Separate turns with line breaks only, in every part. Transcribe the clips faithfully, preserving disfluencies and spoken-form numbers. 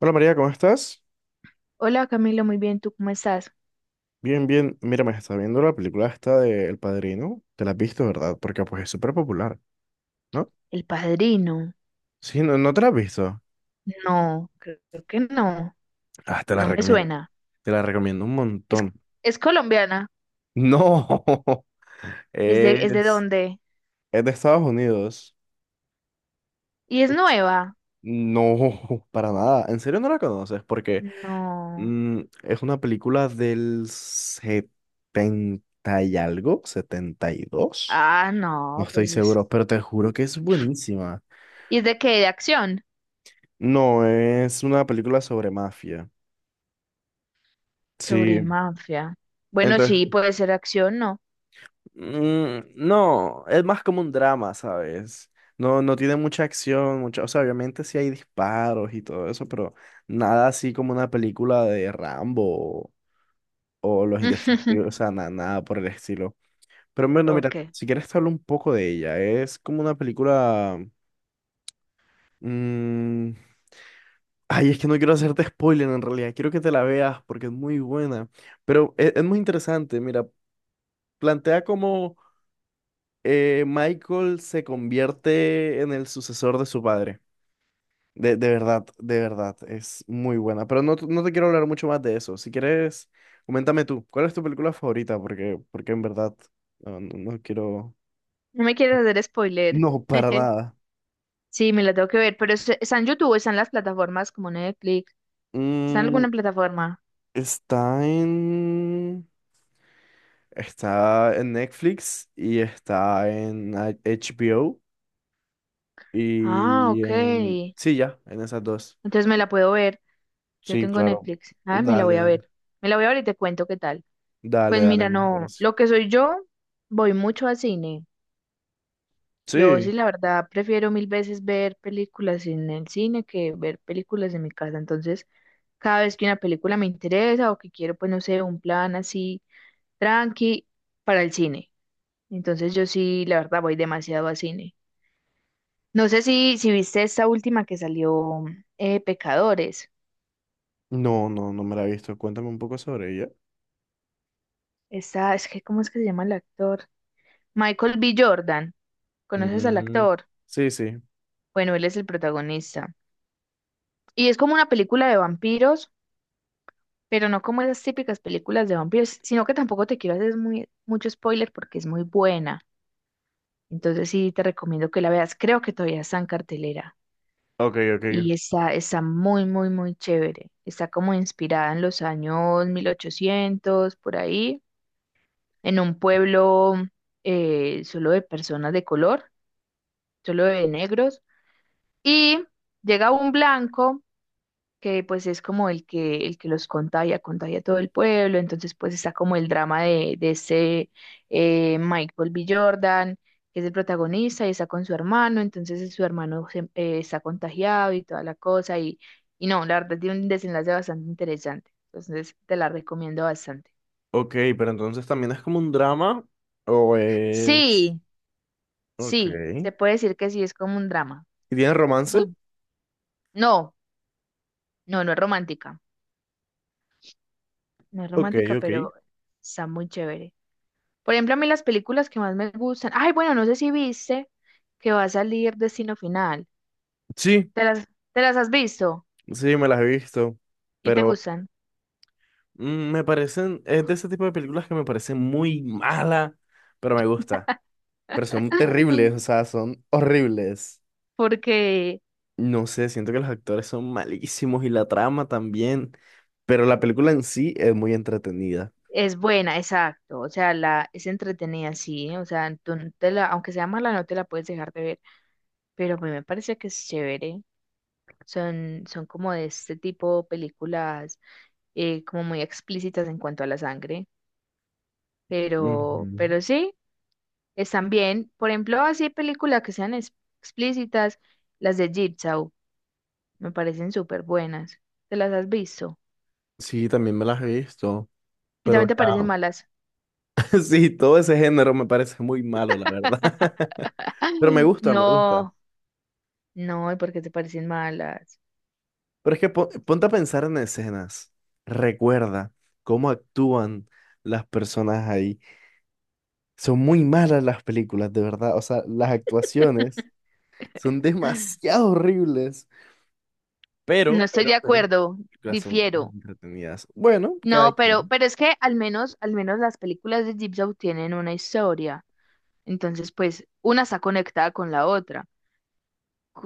Hola María, ¿cómo estás?
Hola Camilo, muy bien, ¿tú cómo estás?
Bien, bien. Mira, me está viendo la película esta de El Padrino. Te la has visto, ¿verdad? Porque pues es súper popular, ¿no?
El Padrino.
Sí, no, no te la has visto.
No, creo que no,
Ah, te la
no me
recomiendo.
suena.
Te la recomiendo un
Es,
montón.
es colombiana,
No,
¿es de, es de
es,
dónde?
es de Estados Unidos.
¿Y es nueva?
No, para nada. ¿En serio no la conoces? Porque
No.
mm, es una película del setenta y algo, setenta y dos.
Ah,
No
no,
estoy
pues es.
seguro, pero te juro que es buenísima.
¿Y es de qué? ¿De acción?
No, es una película sobre mafia.
Sobre
Sí,
mafia. Bueno, sí,
entonces,
puede ser acción, ¿no?
mm, no, es más como un drama, ¿sabes? No, no tiene mucha acción, mucha, o sea, obviamente sí hay disparos y todo eso, pero nada así como una película de Rambo o, o Los Indestructibles, o sea, na- nada por el estilo. Pero bueno, mira,
Ok.
si quieres te hablo un poco de ella, es como una película... mm, ay, es que no quiero hacerte spoiler en realidad, quiero que te la veas porque es muy buena. Pero e- es, muy interesante, mira, plantea cómo eh, Michael se convierte en el sucesor de su padre. De, de verdad, de verdad, es muy buena. Pero no, t- no te quiero hablar mucho más de eso. Si quieres, coméntame tú, ¿cuál es tu película favorita? Porque, porque en verdad, no, no- no quiero...
No me quieres hacer spoiler.
No, para nada.
Sí, me la tengo que ver, pero ¿es- ¿está en YouTube o está en las plataformas como Netflix? ¿Está en
Mm,
alguna plataforma?
está en... Está en Netflix y está en H- HBO
Ah,
y
ok.
en...
Entonces
Sí, ya, en esas dos.
me la puedo ver. Yo
Sí,
tengo
claro.
Netflix. Ah, me la
Dale,
voy a
dale.
ver. Me la voy a ver y te cuento qué tal. Pues
Dale, dale,
mira,
me
no,
parece.
lo que soy yo, voy mucho al cine. Yo
Sí.
sí, la verdad, prefiero mil veces ver películas en el cine que ver películas en mi casa. Entonces, cada vez que una película me interesa o que quiero, pues no sé, un plan así tranqui para el cine. Entonces, yo sí, la verdad, voy demasiado al cine. No sé si, si viste esta última que salió, eh, Pecadores.
No, no, no me la he visto. Cuéntame un poco sobre ella.
Esta, es que, ¿cómo es que se llama el actor? Michael B. Jordan. ¿Conoces al
Mm,
actor?
sí, sí.
Bueno, él es el protagonista. Y es como una película de vampiros, pero no como esas típicas películas de vampiros, sino que tampoco te quiero hacer muy, mucho spoiler porque es muy buena. Entonces sí te recomiendo que la veas. Creo que todavía está en cartelera.
Ok, ok.
Y está, está muy, muy, muy chévere. Está como inspirada en los años mil ochocientos por ahí, en un pueblo eh, solo de personas de color, solo de negros. Y llega un blanco que pues es como el que, el que los contagia, contagia a todo el pueblo, entonces pues está como el drama de, de ese eh, Michael B. Jordan, que es el protagonista y está con su hermano, entonces eh, su hermano se- eh, está contagiado y toda la cosa, y, y no, la verdad tiene un desenlace bastante interesante, entonces te la recomiendo bastante.
Ok, pero entonces también es como un drama o es...
Sí,
Ok.
sí,
¿Y
se puede decir que sí, es como un drama.
tiene romance?
Muy- No, no, no es romántica, no es
Ok,
romántica,
ok.
pero está muy chévere. Por ejemplo, a mí las películas que más me gustan. Ay, bueno, no sé si viste que va a salir Destino Final.
Sí,
¿Te las, te las has visto
sí, me las he visto.
y te
Pero
gustan?
mm, me parecen... Es de ese tipo de películas que me parecen muy mala, pero me gusta. Pero son terribles, o sea, son horribles.
Porque
No sé, siento que los actores son malísimos y la trama también, pero la película en sí es muy entretenida.
es buena, exacto. O sea, la, es entretenida, sí. O sea, tú no te la, aunque sea mala, no te la puedes dejar de ver. Pero a mí me parece que es chévere. Son, son como de este tipo películas eh, como muy explícitas en cuanto a la sangre. Pero,
Ujú.
pero sí. Están bien. Por ejemplo, así películas que sean ex- explícitas, las de Jigsaw, me parecen súper buenas. ¿Te las has visto?
Sí, también me las he visto,
Y
pero
también te
ya,
parecen malas.
sí, todo ese género me parece muy malo, la verdad.
¡Ah!
Pero me gusta, me gusta.
No, no, ¿y por qué te parecen malas?
Pero es que po- ponte a pensar en escenas. Recuerda cómo actúan las personas ahí. Son muy malas las películas, de verdad. O sea, las actuaciones son demasiado horribles.
No
pero
estoy
Pero,
de
pero.
acuerdo,
Películas son
difiero.
entretenidas. Bueno, cada
No, pero,
quien.
pero es que al menos, al menos las películas de Jigsaw tienen una historia. Entonces, pues, una está conectada con la otra.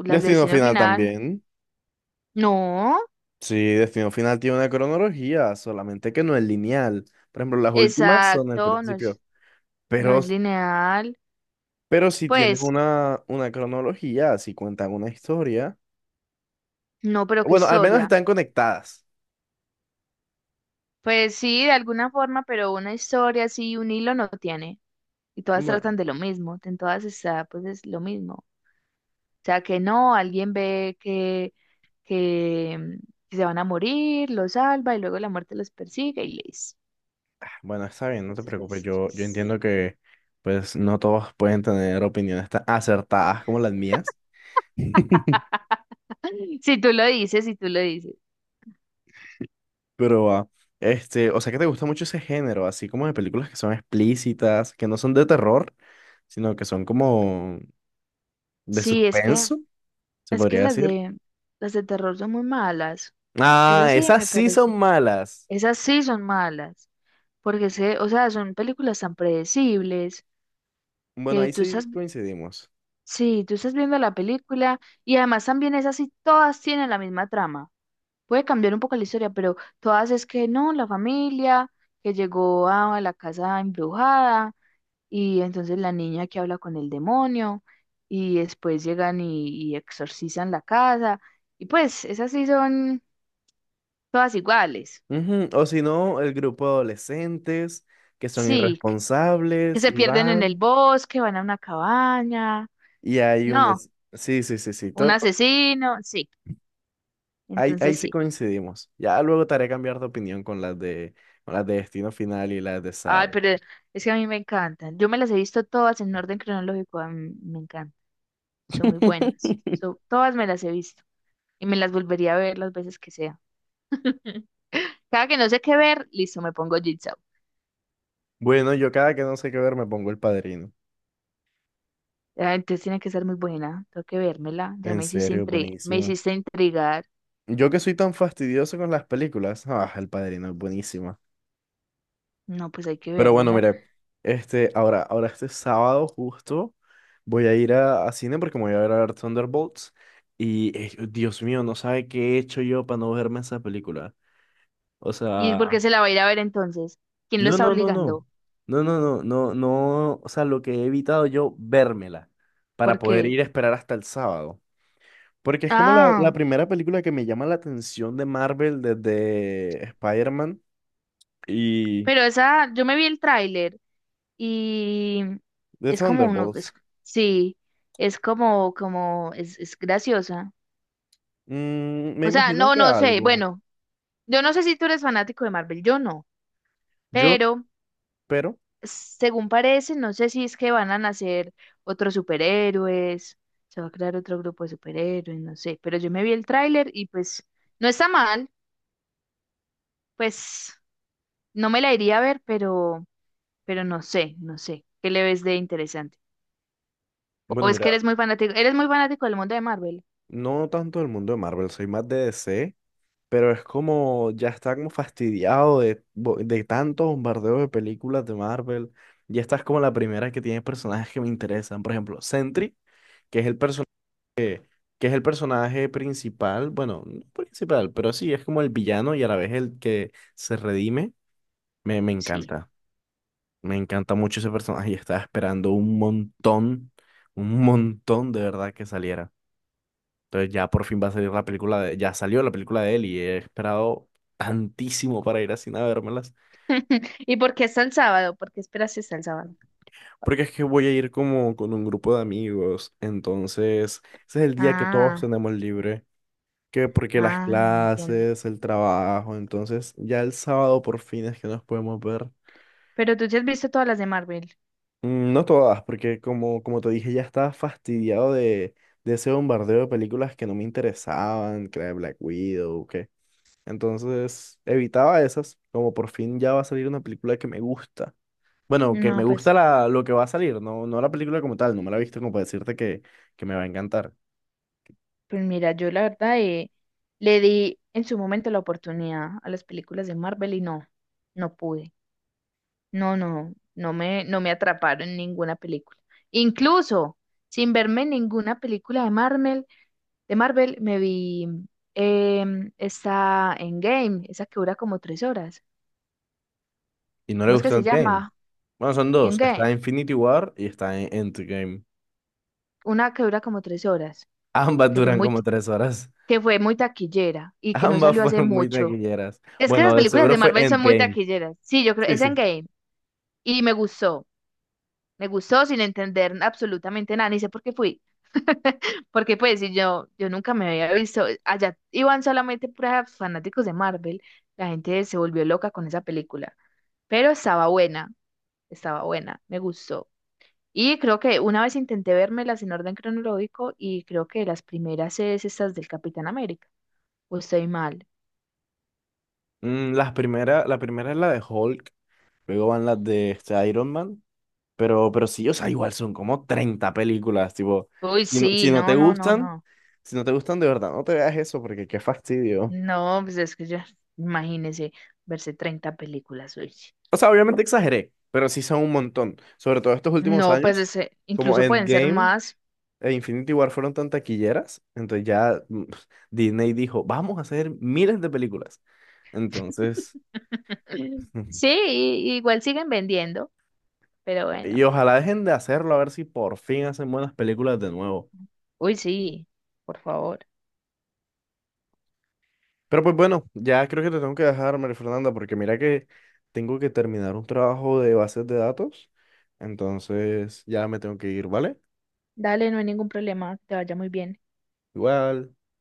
Las de
Destino
Destino
Final
Final,
también.
no,
Sí, Destino Final tiene una cronología, solamente que no es lineal. Por ejemplo, las últimas son al
exacto, no
principio.
es, no
Pero,
es lineal.
pero si tienes
Pues
una, una cronología, si cuentan una historia.
no, pero qué
Bueno, al menos
historia.
están conectadas.
Pues sí, de alguna forma, pero una historia así, un hilo no tiene. Y todas
Bueno,
tratan de lo mismo. En todas está, pues es lo mismo. O sea, que no, alguien ve que, que, mm, que se van a morir, los salva y luego la muerte los persigue y listo.
bueno, está bien, no te
Entonces,
preocupes.
pues,
Yo,
pues,
yo
sí.
entiendo que pues no todos pueden tener opiniones tan acertadas como las mías.
Si tú lo dices, si tú lo dices.
Pero, ah, este, o sea que te gusta mucho ese género, así como de películas que son explícitas, que no son de terror, sino que son como de
Sí, es que,
suspenso, se
es que
podría
las
decir.
de, las de terror son muy malas.
Ah,
Esas sí
esas
me
sí son
parecen.
malas.
Esas sí son malas, porque se, o sea, son películas tan predecibles
Bueno,
que
ahí
tú
sí
estás,
coincidimos.
sí, tú estás viendo la película y además también esas sí todas tienen la misma trama. Puede cambiar un poco la historia, pero todas es que no, la familia que llegó a la casa embrujada y entonces la niña que habla con el demonio y después llegan y, y exorcizan la casa y pues esas sí son todas iguales.
Ujú, o si no, el grupo de adolescentes que son
Sí, que
irresponsables
se
y
pierden en el
van,
bosque, van a una cabaña.
y hay un...
No,
es- Sí, sí, sí, sí,
un
todo, to-
asesino, sí.
ahí, ahí
Entonces
sí
sí.
coincidimos. Ya luego te haré cambiar de opinión con las de, con las de Destino Final y las de
Ay,
Saw.
pero es que a mí me encantan. Yo me las he visto todas en orden cronológico. A mí me encantan. Son muy buenas. So- todas me las he visto y me las volvería a ver las veces que sea. Cada que no sé qué ver, listo, me pongo Jigsaw.
Bueno, yo cada que no sé qué ver me pongo El Padrino.
Ah, entonces tiene que ser muy buena. Tengo que vérmela. Ya
En
me hiciste
serio,
intri- me
buenísima.
hiciste intrigar.
Yo que soy tan fastidioso con las películas, ah, El Padrino es buenísima.
No, pues hay que
Pero bueno,
vérmela.
mire, este, ahora, ahora este sábado justo voy a ir a, a cine porque me voy a ver a ver Thunderbolts y eh, Dios mío, no sabe qué he hecho yo para no verme esa película. O
¿Y
sea,
por qué se la va a ir a ver entonces? ¿Quién lo
no,
está
no, no, no.
obligando?
No, no, no, no, no, o sea, lo que he evitado yo, vérmela para poder
Porque...
ir a esperar hasta el sábado. Porque es como la, la
Ah.
primera película que me llama la atención de Marvel desde Spider-Man y
Pero esa, yo me vi el tráiler y
de
es como uno, es-
Thunderbolts.
sí, es como, como, es, es graciosa.
Mm, me
O sea,
imagino
no,
que
no sé,
algo.
bueno, yo no sé si tú eres fanático de Marvel, yo no,
Yo,
pero
pero,
según parece, no sé si es que van a nacer otros superhéroes, se va a crear otro grupo de superhéroes, no sé, pero yo me vi el tráiler y pues no está mal, pues no me la iría a ver, pero, pero no sé, no sé, ¿qué le ves de interesante? O
bueno,
es que
mira,
eres muy fanático, eres muy fanático del mundo de Marvel.
no tanto del mundo de Marvel, soy más de D C, pero es como ya está como fastidiado de, bo- de tantos bombardeos de películas de Marvel. Y esta es como la primera que tiene personajes que me interesan. Por ejemplo, Sentry, que es el personaje que es el personaje principal, bueno, no principal, pero sí, es como el villano y a la vez el que se redime. Me, me
Sí.
encanta, me encanta mucho ese personaje y estaba esperando un montón, un montón de verdad que saliera. Entonces ya por fin va a salir la película de, ya salió la película de él y he esperado tantísimo para ir así a vérmelas,
¿Y por qué hasta el sábado? ¿Por qué esperas si hasta el sábado?
porque es que voy a ir como con un grupo de amigos, entonces ese es el día que todos
Ah,
tenemos libre. Que porque las
ah, entiendo.
clases, el trabajo, entonces ya el sábado por fin es que nos podemos ver.
Pero tú te has visto todas las de Marvel.
Mm, No todas, porque como, como te dije, ya estaba fastidiado de, de ese bombardeo de películas que no me interesaban, que la de Black Widow, que... Entonces evitaba esas, como por fin ya va a salir una película que me gusta. Bueno, que
No,
me
pues,
gusta la, lo que va a salir, no, no la película como tal, no me la he visto como para decirte que, que me va a encantar.
pues mira, yo la verdad eh, le di en su momento la oportunidad a las películas de Marvel y no, no pude. No, no, no me, no me atraparon en ninguna película. Incluso sin verme ninguna película de Marvel. De Marvel me vi em, esa Endgame, esa que dura como tres horas.
Y no le
¿Cómo es que
gustó
se
Endgame.
llama?
Bueno, son dos, está
Endgame.
Infinity War y está en Endgame.
Una que dura como tres horas,
Ambas
que fue
duran
muy,
como tres horas.
que fue muy taquillera y que no
Ambas
salió hace
fueron muy
mucho.
taquilleras.
Es que
Bueno,
esas
de
películas
seguro
de
fue
Marvel son muy
Endgame.
taquilleras. Sí, yo creo,
Sí,
es
sí.
Endgame. Y me gustó, me gustó sin entender absolutamente nada, ni sé por qué fui. Porque pues si yo, yo nunca me había visto, eh, allá iban solamente puras fanáticos de Marvel, la gente se volvió loca con esa película, pero estaba buena. Estaba buena, me gustó. Y creo que una vez intenté vermelas en orden cronológico y creo que las primeras es estas del Capitán América. ¿O estoy mal?
Mm, las primera, la primera es la de Hulk, luego van las de este, Iron Man, pero, pero sí, o sea, igual son como treinta películas, tipo,
Uy,
si no, si
sí,
no te
no, no, no,
gustan,
no.
si no te gustan de verdad, no te veas eso porque qué fastidio.
No, pues es que ya, imagínese verse treinta películas, uy.
O sea, obviamente exageré, pero sí son un montón, sobre todo estos últimos
No, pues
años,
ese-
como
incluso pueden ser
Endgame
más.
e Infinity War fueron tan taquilleras, entonces ya mm, Disney dijo, vamos a hacer miles de películas. Entonces,
Sí, y- igual siguen vendiendo, pero bueno.
y ojalá dejen de hacerlo, a ver si por fin hacen buenas películas de nuevo.
Uy, sí, por favor.
Pero pues bueno, ya creo que te tengo que dejar, María Fernanda, porque mira que tengo que terminar un trabajo de bases de datos. Entonces, ya me tengo que ir, ¿vale?
Dale, no hay ningún problema, que te vaya muy bien.
Igual.